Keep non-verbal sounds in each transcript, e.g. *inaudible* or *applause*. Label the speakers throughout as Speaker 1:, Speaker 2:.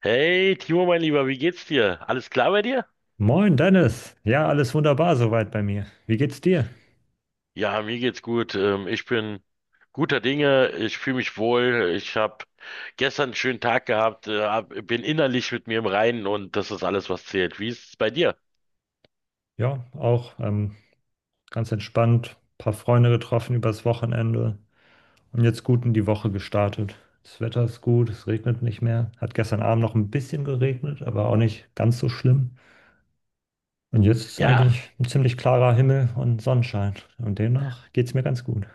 Speaker 1: Hey, Timo, mein Lieber, wie geht's dir? Alles klar bei dir?
Speaker 2: Moin Dennis, ja, alles wunderbar soweit bei mir. Wie geht's dir?
Speaker 1: Ja, mir geht's gut. Ich bin guter Dinge. Ich fühle mich wohl. Ich habe gestern einen schönen Tag gehabt. Bin innerlich mit mir im Reinen und das ist alles, was zählt. Wie ist es bei dir?
Speaker 2: Ja, auch ganz entspannt, paar Freunde getroffen übers Wochenende und jetzt gut in die Woche gestartet. Das Wetter ist gut, es regnet nicht mehr. Hat gestern Abend noch ein bisschen geregnet, aber auch nicht ganz so schlimm. Und jetzt ist
Speaker 1: Ja.
Speaker 2: eigentlich ein ziemlich klarer Himmel und Sonnenschein. Und demnach geht's mir ganz gut.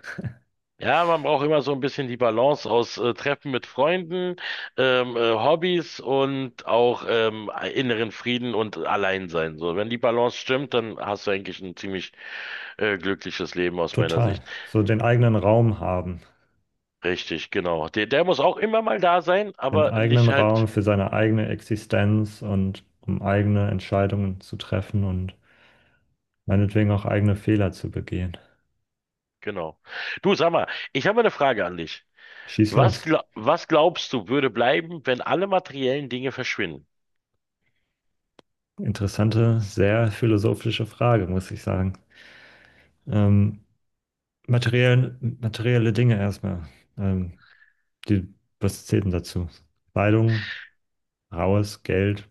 Speaker 1: Ja, man braucht immer so ein bisschen die Balance aus Treffen mit Freunden, Hobbys und auch inneren Frieden und Alleinsein. So, wenn die Balance stimmt, dann hast du eigentlich ein ziemlich glückliches Leben aus meiner
Speaker 2: Total.
Speaker 1: Sicht.
Speaker 2: So den eigenen Raum haben,
Speaker 1: Richtig, genau. Der muss auch immer mal da sein,
Speaker 2: den
Speaker 1: aber nicht
Speaker 2: eigenen
Speaker 1: halt,
Speaker 2: Raum für seine eigene Existenz und um eigene Entscheidungen zu treffen und meinetwegen auch eigene Fehler zu begehen.
Speaker 1: genau. Du, sag mal, ich habe eine Frage an dich.
Speaker 2: Schieß
Speaker 1: Was,
Speaker 2: los.
Speaker 1: gla was glaubst du, würde bleiben, wenn alle materiellen Dinge verschwinden?
Speaker 2: Interessante, sehr philosophische Frage, muss ich sagen. Ähm, Materiell, materielle Dinge erstmal. Ähm, die, was zählt denn dazu? Kleidung, raues Geld,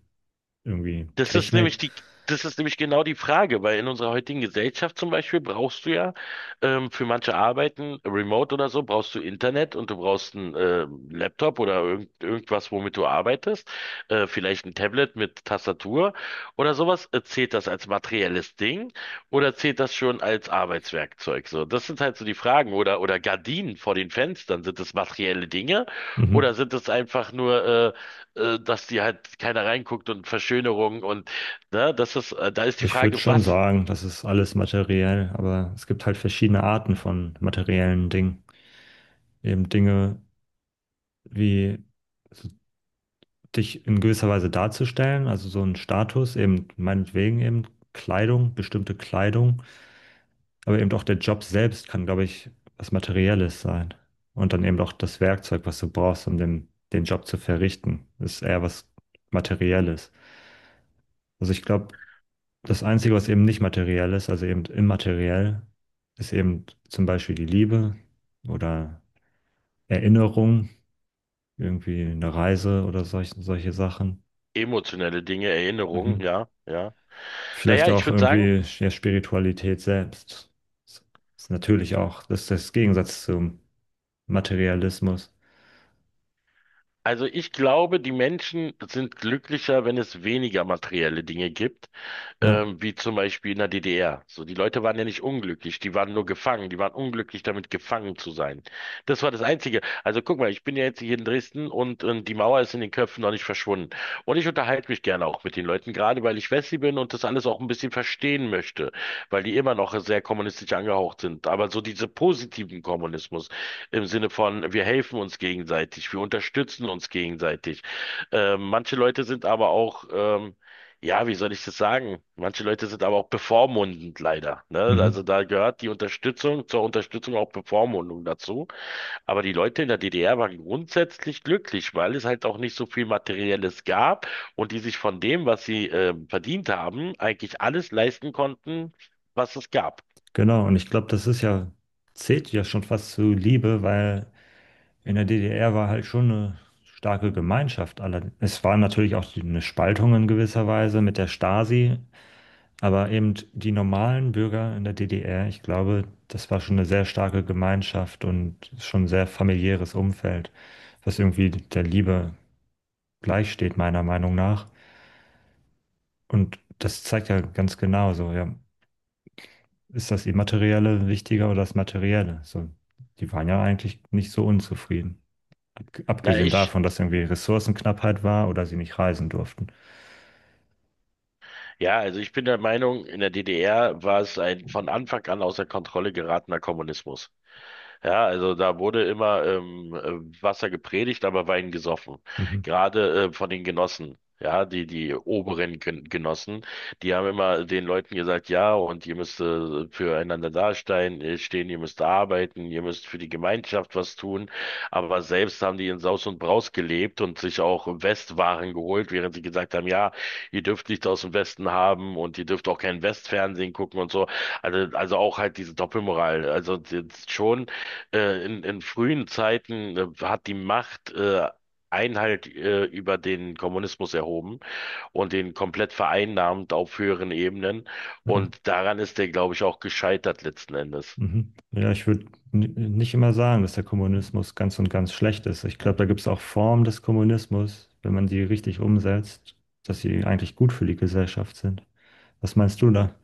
Speaker 2: irgendwie
Speaker 1: Das ist nämlich
Speaker 2: Technik.
Speaker 1: die, Das ist nämlich genau die Frage, weil in unserer heutigen Gesellschaft zum Beispiel brauchst du ja für manche Arbeiten, remote oder so, brauchst du Internet und du brauchst einen Laptop oder irgendwas, womit du arbeitest, vielleicht ein Tablet mit Tastatur oder sowas. Zählt das als materielles Ding oder zählt das schon als Arbeitswerkzeug? So, das sind halt so die Fragen. Oder Gardinen vor den Fenstern, sind das materielle Dinge
Speaker 2: Mhm.
Speaker 1: oder sind das einfach nur äh, dass die halt keiner reinguckt und Verschönerung und ne, das ist, da ist die
Speaker 2: Ich würde
Speaker 1: Frage,
Speaker 2: schon
Speaker 1: was
Speaker 2: sagen, das ist alles materiell, aber es gibt halt verschiedene Arten von materiellen Dingen. Eben Dinge wie dich in gewisser Weise darzustellen, also so ein Status, eben meinetwegen eben Kleidung, bestimmte Kleidung, aber eben auch der Job selbst kann, glaube ich, was Materielles sein. Und dann eben auch das Werkzeug, was du brauchst, um den Job zu verrichten, ist eher was Materielles. Also ich glaube, das Einzige, was eben nicht materiell ist, also eben immateriell, ist eben zum Beispiel die Liebe oder Erinnerung, irgendwie eine Reise oder solche Sachen.
Speaker 1: emotionelle Dinge, Erinnerungen,
Speaker 2: Mhm.
Speaker 1: ja, ja.
Speaker 2: Vielleicht
Speaker 1: Naja, ich
Speaker 2: auch
Speaker 1: würde sagen,
Speaker 2: irgendwie ja, Spiritualität selbst. Das ist natürlich auch, das ist das Gegensatz zum Materialismus.
Speaker 1: also ich glaube, die Menschen sind glücklicher, wenn es weniger materielle Dinge gibt.
Speaker 2: Ja,
Speaker 1: Wie zum Beispiel in der DDR. So, die Leute waren ja nicht unglücklich, die waren nur gefangen, die waren unglücklich damit gefangen zu sein. Das war das Einzige. Also guck mal, ich bin ja jetzt hier in Dresden und, die Mauer ist in den Köpfen noch nicht verschwunden. Und ich unterhalte mich gerne auch mit den Leuten, gerade weil ich Wessi bin und das alles auch ein bisschen verstehen möchte, weil die immer noch sehr kommunistisch angehaucht sind. Aber so diese positiven Kommunismus im Sinne von, wir helfen uns gegenseitig, wir unterstützen uns gegenseitig. Manche Leute sind aber auch, ja, wie soll ich das sagen? Manche Leute sind aber auch bevormundend leider, ne?
Speaker 2: mhm.
Speaker 1: Also da gehört die Unterstützung zur Unterstützung auch Bevormundung dazu. Aber die Leute in der DDR waren grundsätzlich glücklich, weil es halt auch nicht so viel Materielles gab und die sich von dem, was sie verdient haben, eigentlich alles leisten konnten, was es gab.
Speaker 2: Genau. Und ich glaube, das ist ja, zählt ja schon fast zu Liebe, weil in der DDR war halt schon eine starke Gemeinschaft. Alle- Es war natürlich auch die- eine Spaltung in gewisser Weise mit der Stasi. Aber eben die normalen Bürger in der DDR, ich glaube, das war schon eine sehr starke Gemeinschaft und schon ein sehr familiäres Umfeld, was irgendwie der Liebe gleichsteht, meiner Meinung nach. Und das zeigt ja ganz genau so, ja, ist das Immaterielle wichtiger oder das Materielle? So, die waren ja eigentlich nicht so unzufrieden. Ab-
Speaker 1: Na,
Speaker 2: Abgesehen
Speaker 1: ich,
Speaker 2: davon, dass irgendwie Ressourcenknappheit war oder sie nicht reisen durften.
Speaker 1: ja, also ich bin der Meinung, in der DDR war es ein von Anfang an außer Kontrolle geratener Kommunismus. Ja, also da wurde immer Wasser gepredigt, aber Wein gesoffen.
Speaker 2: Mhm.
Speaker 1: Gerade von den Genossen. Ja, die oberen Genossen, die haben immer den Leuten gesagt, ja, und ihr müsst füreinander stehen, ihr müsst arbeiten, ihr müsst für die Gemeinschaft was tun. Aber selbst haben die in Saus und Braus gelebt und sich auch Westwaren geholt, während sie gesagt haben, ja, ihr dürft nicht aus dem Westen haben und ihr dürft auch kein Westfernsehen gucken und so. Also auch halt diese Doppelmoral. Also das schon in frühen Zeiten hat die Macht Einhalt über den Kommunismus erhoben und den komplett vereinnahmt auf höheren Ebenen.
Speaker 2: Ja.
Speaker 1: Und daran ist der, glaube ich, auch gescheitert letzten Endes.
Speaker 2: Mhm. Ja, ich würde nicht immer sagen, dass der Kommunismus ganz und ganz schlecht ist. Ich glaube, da gibt es auch Formen des Kommunismus, wenn man die richtig umsetzt, dass sie eigentlich gut für die Gesellschaft sind. Was meinst du da?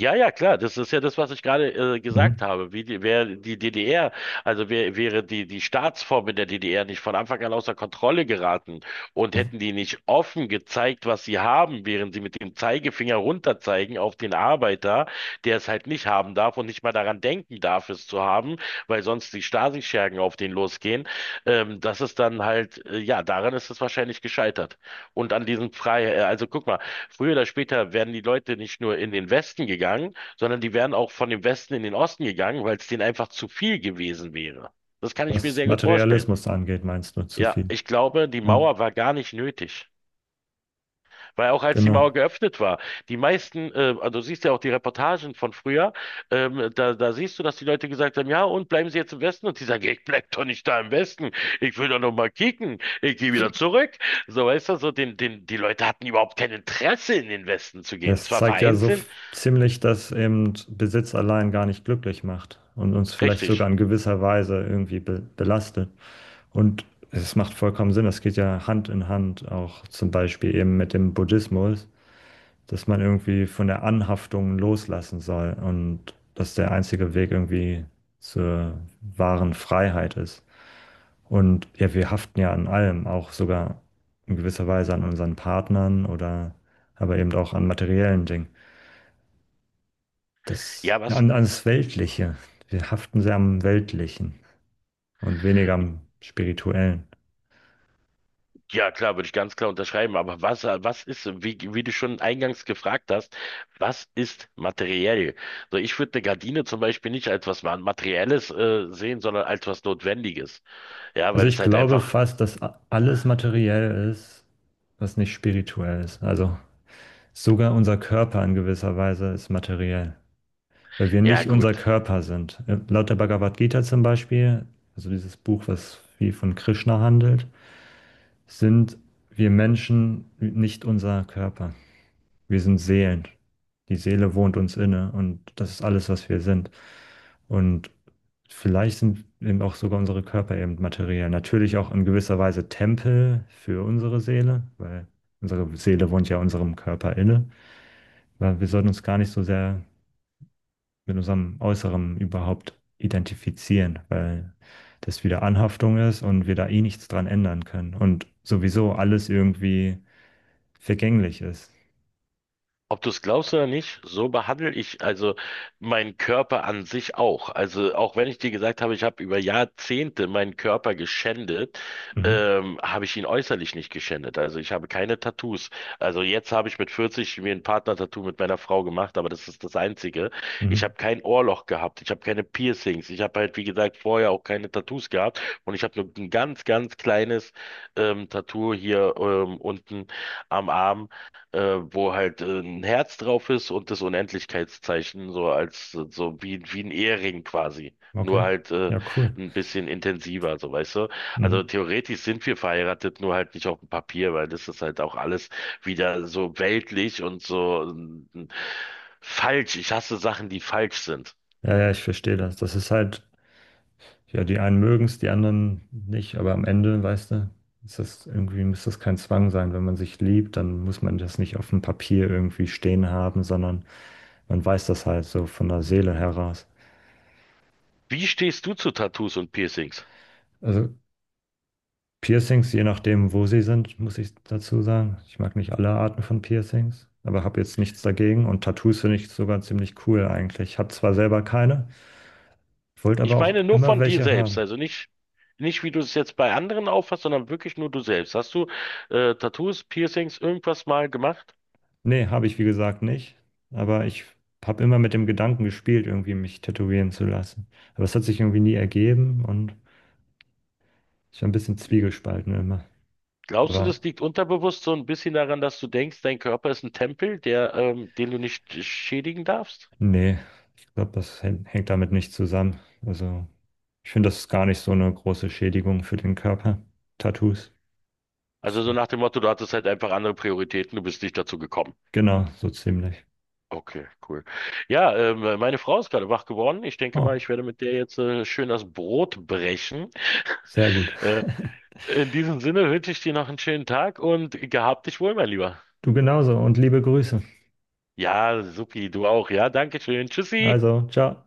Speaker 1: Ja, klar, das ist ja das, was ich gerade gesagt
Speaker 2: Mhm.
Speaker 1: habe. Wäre die DDR, wäre die Staatsform in der DDR nicht von Anfang an außer Kontrolle geraten und
Speaker 2: Ja.
Speaker 1: hätten die nicht offen gezeigt, was sie haben, während sie mit dem Zeigefinger runterzeigen auf den Arbeiter, der es halt nicht haben darf und nicht mal daran denken darf, es zu haben, weil sonst die Stasi-Schergen auf den losgehen. Das ist dann halt, ja, daran ist es wahrscheinlich gescheitert. Und an diesem Freiheit. Also guck mal, früher oder später werden die Leute nicht nur in den Westen gegangen, sondern die wären auch von dem Westen in den Osten gegangen, weil es denen einfach zu viel gewesen wäre. Das kann ich mir
Speaker 2: Was
Speaker 1: sehr gut vorstellen.
Speaker 2: Materialismus angeht, meinst du zu
Speaker 1: Ja,
Speaker 2: viel?
Speaker 1: ich glaube, die
Speaker 2: Ja,
Speaker 1: Mauer war gar nicht nötig. Weil auch als die
Speaker 2: genau.
Speaker 1: Mauer geöffnet war, die meisten, also du siehst ja auch die Reportagen von früher, da siehst du, dass die Leute gesagt haben, ja, und bleiben Sie jetzt im Westen? Und die sagen, ich bleib doch nicht da im Westen, ich will doch noch mal kicken, ich gehe wieder zurück. So, weißt du, die Leute hatten überhaupt kein Interesse, in den Westen zu gehen.
Speaker 2: Das
Speaker 1: Zwar
Speaker 2: zeigt ja so f-
Speaker 1: vereinzelt,
Speaker 2: ziemlich, dass eben Besitz allein gar nicht glücklich macht und uns vielleicht sogar
Speaker 1: richtig.
Speaker 2: in gewisser Weise irgendwie be belastet. Und es macht vollkommen Sinn, das geht ja Hand in Hand, auch zum Beispiel eben mit dem Buddhismus, dass man irgendwie von der Anhaftung loslassen soll und dass der einzige Weg irgendwie zur wahren Freiheit ist. Und ja, wir haften ja an allem, auch sogar in gewisser Weise an unseren Partnern oder aber eben auch an materiellen Dingen. Das,
Speaker 1: Ja, was?
Speaker 2: an, an das Weltliche. Wir haften sehr am Weltlichen und weniger am Spirituellen.
Speaker 1: Ja, klar, würde ich ganz klar unterschreiben. Aber was ist, wie du schon eingangs gefragt hast, was ist materiell? So, ich würde eine Gardine zum Beispiel nicht als was Materielles, sehen, sondern als was Notwendiges. Ja,
Speaker 2: Also
Speaker 1: weil es
Speaker 2: ich
Speaker 1: halt
Speaker 2: glaube
Speaker 1: einfach,
Speaker 2: fast, dass alles materiell ist, was nicht spirituell ist. Also sogar unser Körper in gewisser Weise ist materiell, weil wir
Speaker 1: ja
Speaker 2: nicht unser
Speaker 1: gut,
Speaker 2: Körper sind. Laut der Bhagavad Gita zum Beispiel, also dieses Buch, was viel von Krishna handelt, sind wir Menschen nicht unser Körper. Wir sind Seelen. Die Seele wohnt uns inne und das ist alles, was wir sind. Und vielleicht sind eben auch sogar unsere Körper eben materiell. Natürlich auch in gewisser Weise Tempel für unsere Seele, weil unsere Seele wohnt ja unserem Körper inne. Weil wir sollten uns gar nicht so sehr mit unserem Äußeren überhaupt identifizieren, weil das wieder Anhaftung ist und wir da eh nichts dran ändern können und sowieso alles irgendwie vergänglich ist.
Speaker 1: ob du es glaubst oder nicht, so behandle ich also meinen Körper an sich auch. Also auch wenn ich dir gesagt habe, ich habe über Jahrzehnte meinen Körper geschändet,
Speaker 2: Mhm.
Speaker 1: habe ich ihn äußerlich nicht geschändet. Also ich habe keine Tattoos. Also jetzt habe ich mit 40 mir ein Partner-Tattoo mit meiner Frau gemacht, aber das ist das Einzige. Ich
Speaker 2: Mhm.
Speaker 1: habe kein Ohrloch gehabt, ich habe keine Piercings, ich habe halt, wie gesagt, vorher auch keine Tattoos gehabt und ich habe nur ein ganz kleines Tattoo hier unten am Arm äh, wo halt ein Herz drauf ist und das Unendlichkeitszeichen, so als wie ein Ehering quasi. Nur
Speaker 2: Okay.
Speaker 1: halt
Speaker 2: Ja, cool.
Speaker 1: ein bisschen intensiver, so weißt du. Also
Speaker 2: Mhm.
Speaker 1: theoretisch sind wir verheiratet, nur halt nicht auf dem Papier, weil das ist halt auch alles wieder so weltlich und so falsch. Ich hasse Sachen, die falsch sind.
Speaker 2: Ja, ja, ich verstehe das. Das ist halt, ja, die einen mögen es, die anderen nicht, aber am Ende, weißt du, ist das irgendwie, muss das kein Zwang sein. Wenn man sich liebt, dann muss man das nicht auf dem Papier irgendwie stehen haben, sondern man weiß das halt so von der Seele heraus.
Speaker 1: Wie stehst du zu Tattoos und Piercings?
Speaker 2: Also Piercings, je nachdem, wo sie sind, muss ich dazu sagen. Ich mag nicht alle Arten von Piercings, aber habe jetzt nichts dagegen. Und Tattoos finde ich sogar ziemlich cool eigentlich. Ich habe zwar selber keine, wollte aber
Speaker 1: Ich
Speaker 2: auch
Speaker 1: meine nur
Speaker 2: immer
Speaker 1: von dir
Speaker 2: welche
Speaker 1: selbst,
Speaker 2: haben.
Speaker 1: also nicht, nicht wie du es jetzt bei anderen auffasst, sondern wirklich nur du selbst. Hast du Tattoos, Piercings, irgendwas mal gemacht?
Speaker 2: Nee, habe ich wie gesagt nicht. Aber ich habe immer mit dem Gedanken gespielt, irgendwie mich tätowieren zu lassen. Aber es hat sich irgendwie nie ergeben und ich war ein bisschen zwiegespalten immer.
Speaker 1: Glaubst du,
Speaker 2: Aber
Speaker 1: das liegt unterbewusst so ein bisschen daran, dass du denkst, dein Körper ist ein Tempel, der, den du nicht schädigen darfst?
Speaker 2: nee, ich glaube, das hängt damit nicht zusammen. Also ich finde, das ist gar nicht so eine große Schädigung für den Körper. Tattoos.
Speaker 1: Also so
Speaker 2: So.
Speaker 1: nach dem Motto, du hattest halt einfach andere Prioritäten, du bist nicht dazu gekommen.
Speaker 2: Genau, so ziemlich.
Speaker 1: Okay, cool. Ja, meine Frau ist gerade wach geworden. Ich denke mal,
Speaker 2: Oh,
Speaker 1: ich werde mit der jetzt schön das Brot brechen.
Speaker 2: sehr gut.
Speaker 1: Äh,
Speaker 2: *laughs*
Speaker 1: in diesem Sinne wünsche ich dir noch einen schönen Tag und gehabt dich wohl, mein Lieber.
Speaker 2: Du genauso und liebe Grüße.
Speaker 1: Ja, supi, du auch. Ja, danke schön. Tschüssi.
Speaker 2: Also, ciao.